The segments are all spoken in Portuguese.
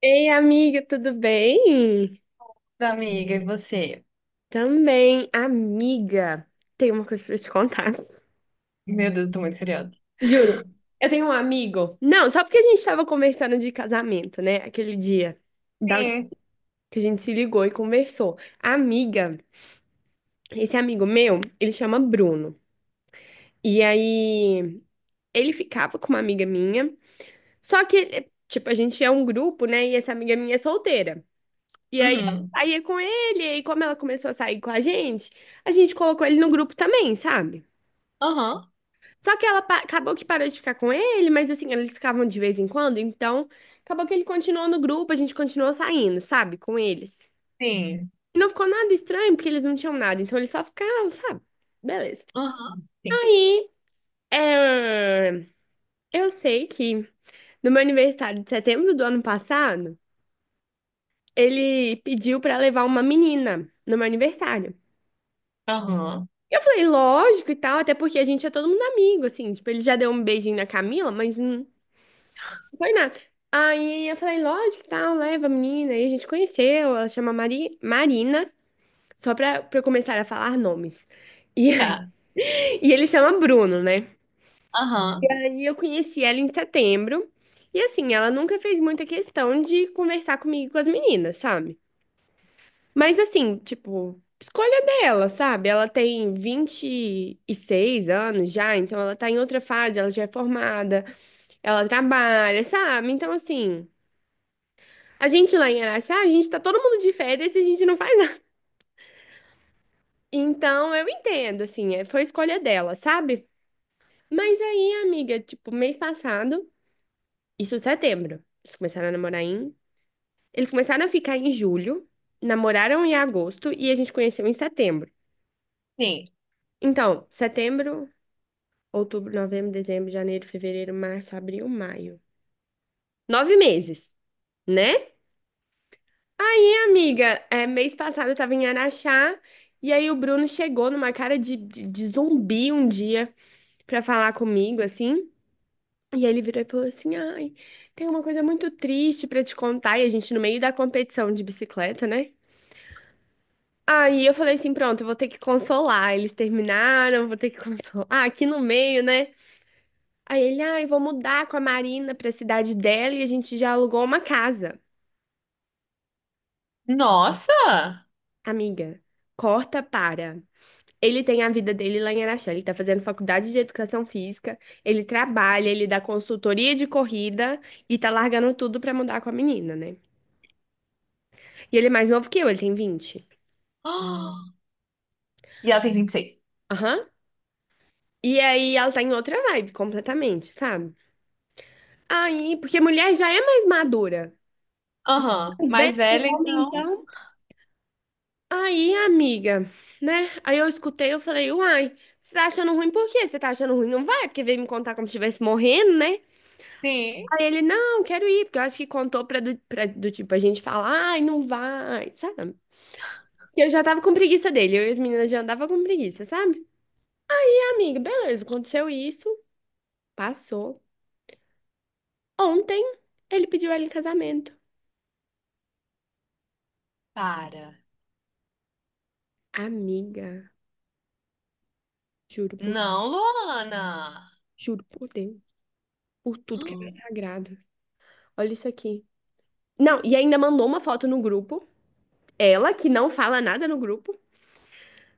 Ei, amiga, tudo bem? Da amiga, e você? Também, amiga. Tem uma coisa pra te contar. Meu Deus, eu tô muito curiosa. Juro. Eu tenho um amigo. Não, só porque a gente tava conversando de casamento, né? Aquele dia da- Sim. que a gente se ligou e conversou. A Amiga, esse amigo meu, ele chama Bruno. E aí, ele ficava com uma amiga minha. Só que, tipo, a gente é um grupo, né? E essa amiga minha é solteira. E aí eu Uhum. saía com ele, e aí como ela começou a sair com a gente colocou ele no grupo também, sabe? Aham. Só que ela acabou que parou de ficar com ele, mas assim, eles ficavam de vez em quando, então acabou que ele continuou no grupo, a gente continuou saindo, sabe, com eles. Sim. E não ficou nada estranho, porque eles não tinham nada, então eles só ficavam, sabe? Beleza. Aham. Sim. É, eu sei que no meu aniversário de setembro do ano passado, ele pediu pra levar uma menina no meu aniversário. Aham. Eu falei, lógico e tal, até porque a gente é todo mundo amigo, assim, tipo, ele já deu um beijinho na Camila, mas não foi nada. Aí eu falei, lógico e tal, leva a menina, aí a gente conheceu, ela chama Marina, só pra eu começar a falar nomes. E, Tá. e ele chama Bruno, né? Aham. Aí eu conheci ela em setembro, e assim, ela nunca fez muita questão de conversar comigo e com as meninas, sabe? Mas assim, tipo, escolha dela, sabe? Ela tem 26 anos já, então ela tá em outra fase, ela já é formada, ela trabalha, sabe? Então, assim, a gente lá em Araxá, a gente tá todo mundo de férias e a gente não faz nada. Então, eu entendo, assim, foi escolha dela, sabe? Mas aí, amiga, tipo, mês passado, isso é setembro, eles começaram a namorar em. Eles começaram a ficar em julho, namoraram em agosto e a gente conheceu em setembro. Sim. Então, setembro. Outubro, novembro, dezembro, janeiro, fevereiro, março, abril, maio. 9 meses, né? Minha amiga, é, mês passado eu tava em Araxá e aí o Bruno chegou numa cara de zumbi um dia pra falar comigo, assim. E ele virou e falou assim: Ai, tem uma coisa muito triste pra te contar. E a gente no meio da competição de bicicleta, né? Aí eu falei assim: Pronto, eu vou ter que consolar. Eles terminaram, vou ter que consolar. Aqui no meio, né? Aí ele, ai, vou mudar com a Marina pra cidade dela e a gente já alugou uma casa. Nossa! Amiga, corta para. Ele tem a vida dele lá em Araxá. Ele tá fazendo faculdade de educação física, ele trabalha, ele dá consultoria de corrida e tá largando tudo pra mudar com a menina, né? E ele é mais novo que eu, ele tem 20. Ah! E ela tem vinte e seis. Aham. E aí ela tá em outra vibe completamente, sabe? Aí, porque mulher já é mais madura. Aham. Mais Mais velha, velha, o homem, então? então. Aí, amiga, né? Aí eu escutei, eu falei, uai, você tá achando ruim por quê? Você tá achando ruim? Não vai, porque veio me contar como se estivesse morrendo, né? Sim. Aí ele, não, quero ir, porque eu acho que contou pra do tipo, a gente falar, ai, não vai, sabe? E eu já tava com preguiça dele, eu e as meninas já andava com preguiça, sabe? E, amiga, beleza, aconteceu isso, passou. Ontem, ele pediu ela em casamento. Para. Amiga, juro por, Não, Luana! juro por Deus, por tudo que é mais sagrado. Olha isso aqui. Não, e ainda mandou uma foto no grupo. Ela, que não fala nada no grupo,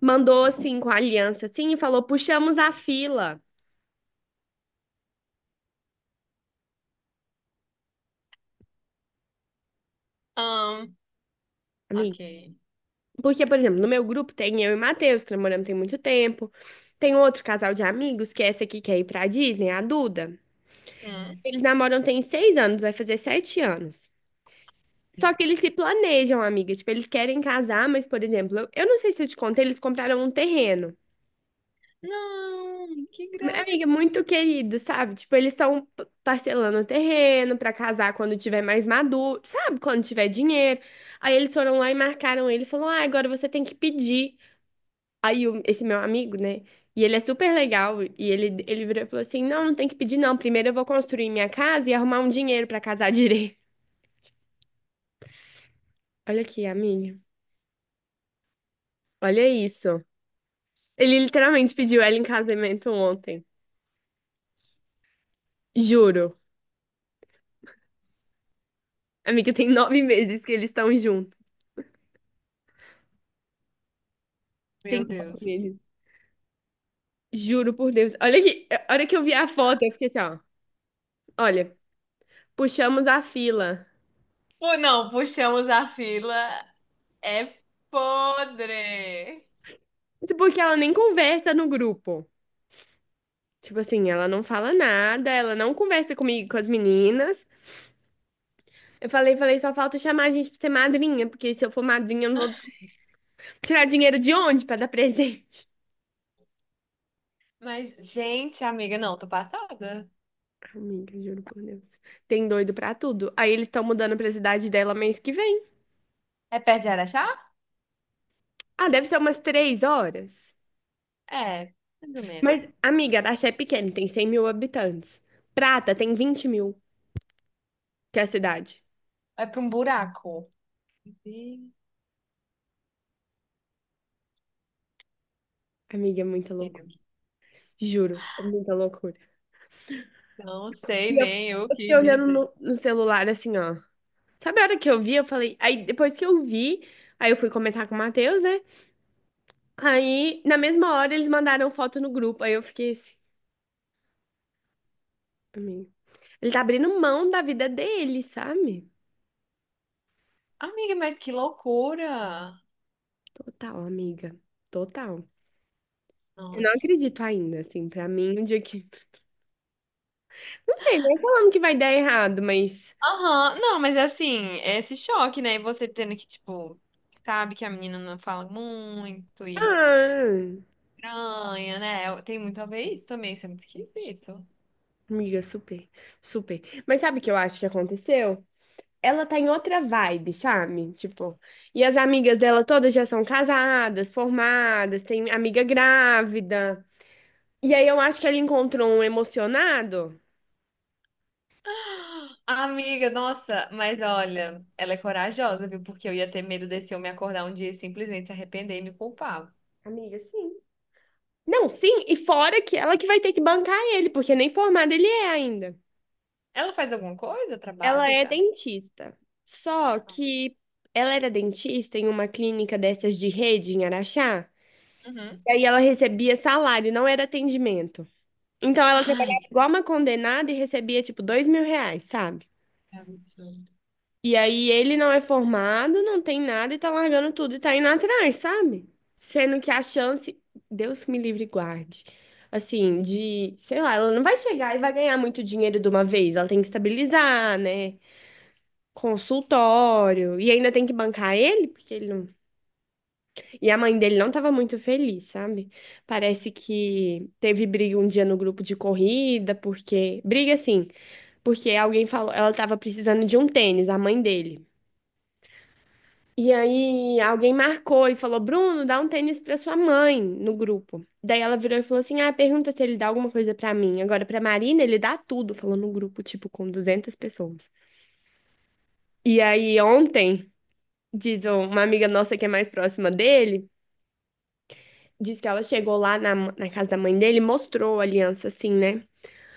mandou assim com a aliança assim e falou: puxamos a fila. Ah, A mim. ok. Porque, por exemplo, no meu grupo tem eu e Matheus, que namoramos tem muito tempo. Tem outro casal de amigos, que é essa aqui que quer ir pra Disney, a Duda. Hum. Eles namoram tem 6 anos, vai fazer 7 anos. Só que eles se planejam, amiga. Tipo, eles querem casar, mas, por exemplo, eu não sei se eu te contei, eles compraram um terreno. Não, que graça. Amiga, muito querido, sabe? Tipo, eles estão parcelando o terreno pra casar quando tiver mais maduro, sabe? Quando tiver dinheiro. Aí eles foram lá e marcaram ele e falou: Ah, agora você tem que pedir. Aí o- esse meu amigo, né? E ele é super legal. E ele virou e falou assim: Não, não tem que pedir, não. Primeiro eu vou construir minha casa e arrumar um dinheiro pra casar direito. Olha aqui, amiga. Olha isso. Ele literalmente pediu ela em casamento ontem. Juro. Amiga, tem 9 meses que eles estão juntos. Tem Meu nove Deus. meses. Juro por Deus. Olha que, a hora que eu vi a foto, eu fiquei assim, ó. Olha, puxamos a fila. Pô, não, puxamos a fila. É podre. Isso porque ela nem conversa no grupo. Tipo assim, ela não fala nada, ela não conversa comigo, com as meninas. Eu falei, falei, só falta chamar a gente pra ser madrinha, porque se eu for madrinha, eu não vou tirar dinheiro de onde pra dar presente? Mas, gente, amiga, não, tô passada. Amiga, juro por Deus. Tem doido pra tudo. Aí eles estão mudando pra cidade dela mês que vem. É perto de Araxá? Ah, deve ser umas 3 horas. É, mais ou menos. Mas, amiga, a Axé é pequena, tem 100 mil habitantes. Prata tem 20 mil. Que é a cidade. É pra um buraco. Gente. Amiga, é muita loucura. Juro, é muita loucura. Não sei E eu nem o que fiquei olhando dizer. no celular, assim, ó. Sabe a hora que eu vi, eu falei. Aí depois que eu vi, aí eu fui comentar com o Matheus, né? Aí, na mesma hora, eles mandaram foto no grupo. Aí eu fiquei assim, amiga. Ele tá abrindo mão da vida dele, sabe? Amiga, mas que loucura! Total, amiga. Total. Eu não Nossa. acredito ainda, assim, pra mim, um dia que. Não sei, não é falando que vai dar errado, mas. Aham, não, mas é assim, é esse choque, né? E você tendo que, tipo, sabe que a menina não fala muito e Ah. estranha, né? Tem muito a ver isso também, isso é muito esquisito. Amiga, super, super. Mas sabe o que eu acho que aconteceu? Ela tá em outra vibe, sabe? Tipo, e as amigas dela todas já são casadas, formadas, tem amiga grávida. E aí eu acho que ela encontrou um emocionado. Amiga, nossa, mas olha, ela é corajosa, viu? Porque eu ia ter medo desse homem acordar um dia e simplesmente se arrepender e me culpar. Amiga, sim. Não, sim, e fora que ela que vai ter que bancar ele, porque nem formada ele é ainda. Ela faz alguma coisa? Ela Trabalha é já? dentista. Só que ela era dentista em uma clínica dessas de rede em Araxá. Uhum. E aí ela recebia salário, não era atendimento. Então ela trabalhava Ai, igual uma condenada e recebia tipo 2 mil reais, sabe? que absurdo. E aí ele não é formado, não tem nada e tá largando tudo e tá indo atrás, sabe? Sendo que a chance, Deus me livre e guarde. Assim, de, sei lá, ela não vai chegar e vai ganhar muito dinheiro de uma vez. Ela tem que estabilizar, né? Consultório. E ainda tem que bancar ele, porque ele não. E a mãe dele não tava muito feliz, sabe? Parece que teve briga um dia no grupo de corrida, porque. Briga assim. Porque alguém falou, ela tava precisando de um tênis, a mãe dele. E aí alguém marcou e falou: Bruno, dá um tênis pra sua mãe no grupo. Daí ela virou e falou assim: Ah, pergunta se ele dá alguma coisa pra mim. Agora, pra Marina, ele dá tudo, falou no grupo, tipo, com 200 pessoas. E aí ontem, diz uma amiga nossa que é mais próxima dele, diz que ela chegou lá na casa da mãe dele, e mostrou a aliança assim, né?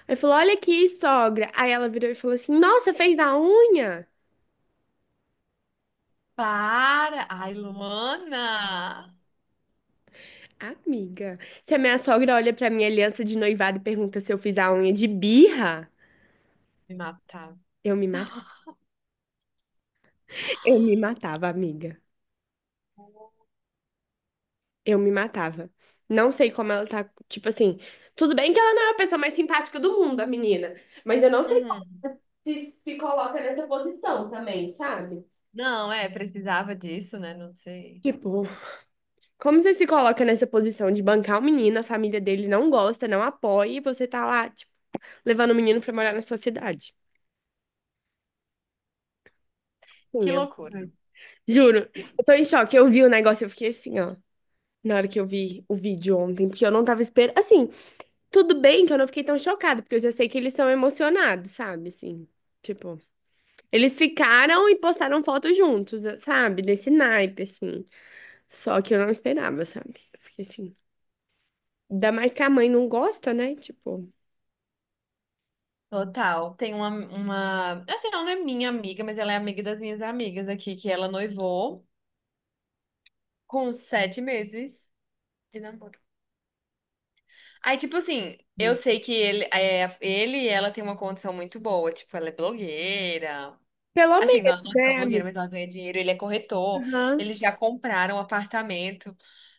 Aí falou: Olha aqui, sogra. Aí ela virou e falou assim: Nossa, fez a unha? Para! Ai, Luana! Amiga, se a minha sogra olha pra minha aliança de noivado e pergunta se eu fiz a unha de birra, Me matava. eu me matava. Eu me matava, amiga. Eu me matava. Não sei como ela tá, tipo assim, tudo bem que ela não é a pessoa mais simpática do mundo, a menina, mas eu não sei como Uhum. se coloca nessa posição também, sabe? Não, é, precisava disso, né? Não sei. Tipo, como você se coloca nessa posição de bancar o menino, a família dele não gosta, não apoia, e você tá lá, tipo, levando o menino pra morar na sua cidade? Que Sim, é loucura. verdade. Juro, eu tô em choque. Eu vi o negócio, eu fiquei assim, ó. Na hora que eu vi o vídeo ontem, porque eu não tava esperando. Assim, tudo bem que eu não fiquei tão chocada, porque eu já sei que eles são emocionados, sabe? Assim, tipo, eles ficaram e postaram foto juntos, sabe? Desse naipe, assim. Só que eu não esperava, sabe? Eu fiquei assim. Ainda mais que a mãe não gosta, né? Tipo, Total. Tem uma, uma. Assim, ela não é minha amiga, mas ela é amiga das minhas amigas aqui, que ela noivou. Com sete meses de namoro. Aí, tipo assim, eu sei que ele, é, ele e ela tem uma condição muito boa. Tipo, ela é blogueira. pelo Assim, menos, não, não é só né, blogueira, amiga? mas ela ganha dinheiro. Ele é corretor. Aham. Eles já compraram um apartamento.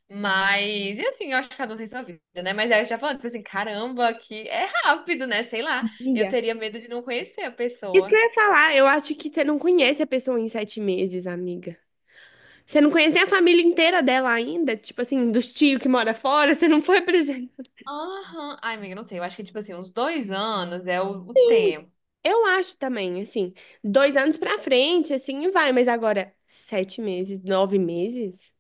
Mas, e assim, eu acho que cada um tem sua vida, né? Mas aí eu já falando, tipo assim, caramba, que é rápido, né? Sei lá. Eu Amiga, teria medo de não conhecer a isso que eu pessoa. ia falar, eu acho que você não conhece a pessoa em 7 meses, amiga. Você não conhece nem a família inteira dela ainda, tipo assim, dos tios que mora fora, você não foi apresentar. Aham. Ai, amiga, não sei. Eu acho que, tipo assim, uns dois anos é o tempo. Eu acho também, assim, 2 anos pra frente, assim, vai, mas agora, 7 meses, 9 meses?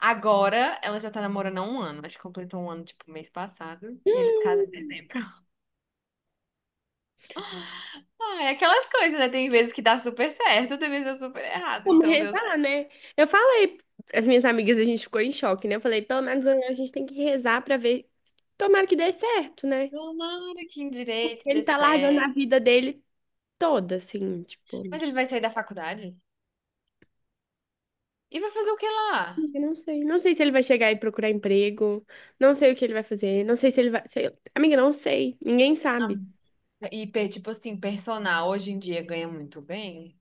Agora ela já tá namorando há um ano. Acho que completou um ano, tipo, mês passado. E eles casam em dezembro. Ah, é aquelas coisas, né? Tem vezes que dá super certo, tem vezes que dá super errado. Como Então, Deus, rezar, né? Eu falei, as minhas amigas, a gente ficou em choque, né? Eu falei, pelo menos a gente tem que rezar pra ver, tomara que dê certo, né? tomara que em Porque direito ele dê tá largando a certo. vida dele toda, assim, tipo, Mas ele vai sair da faculdade? E vai fazer o que lá? eu não sei. Não sei se ele vai chegar e procurar emprego, não sei o que ele vai fazer, não sei se ele vai. Amiga, não sei, ninguém Ah. sabe. E, tipo assim, personal hoje em dia ganha muito bem,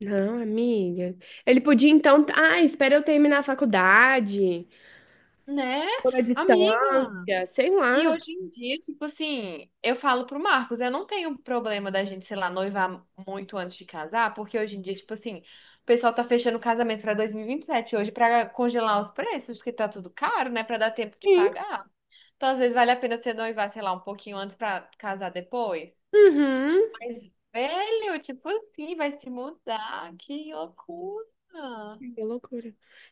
Não, amiga. Ele podia então. Ah, espera eu terminar a faculdade. né? Por a Amiga. distância, sei E lá. hoje em dia, tipo assim, eu falo pro Marcos, eu não tenho problema da gente, sei lá, noivar muito antes de casar, porque hoje em dia, tipo assim, o pessoal tá fechando o casamento pra 2027 hoje pra congelar os preços, porque tá tudo caro, né, pra dar tempo de Sim. pagar. Então, às vezes vale a pena você noivar, sei lá, um pouquinho antes pra casar depois. Uhum. Mas, velho, tipo assim, vai se mudar, que loucura. Que loucura.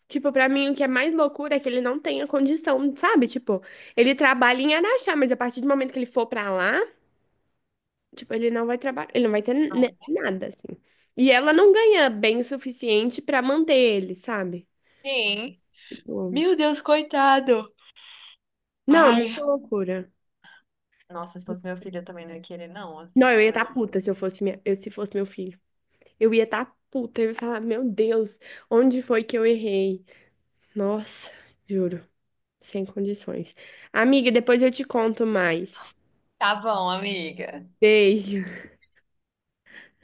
Tipo, pra mim, o que é mais loucura é que ele não tenha condição, sabe? Tipo, ele trabalha em Araxá, mas a partir do momento que ele for pra lá, tipo, ele não vai trabalhar, ele não vai ter nada, assim. E ela não ganha bem o suficiente pra manter ele, sabe? Sim. Tipo, Meu Deus, coitado. não, é Ai. muita loucura. Nossa, se fosse meu filho, eu também não ia querer, não. Assim, Não, eu ia não é estar justo. puta se eu fosse minha... se fosse meu filho. Eu ia estar puta, eu ia falar, meu Deus, onde foi que eu errei? Nossa, juro, sem condições. Amiga, depois eu te conto mais. Tá bom, amiga. Beijo.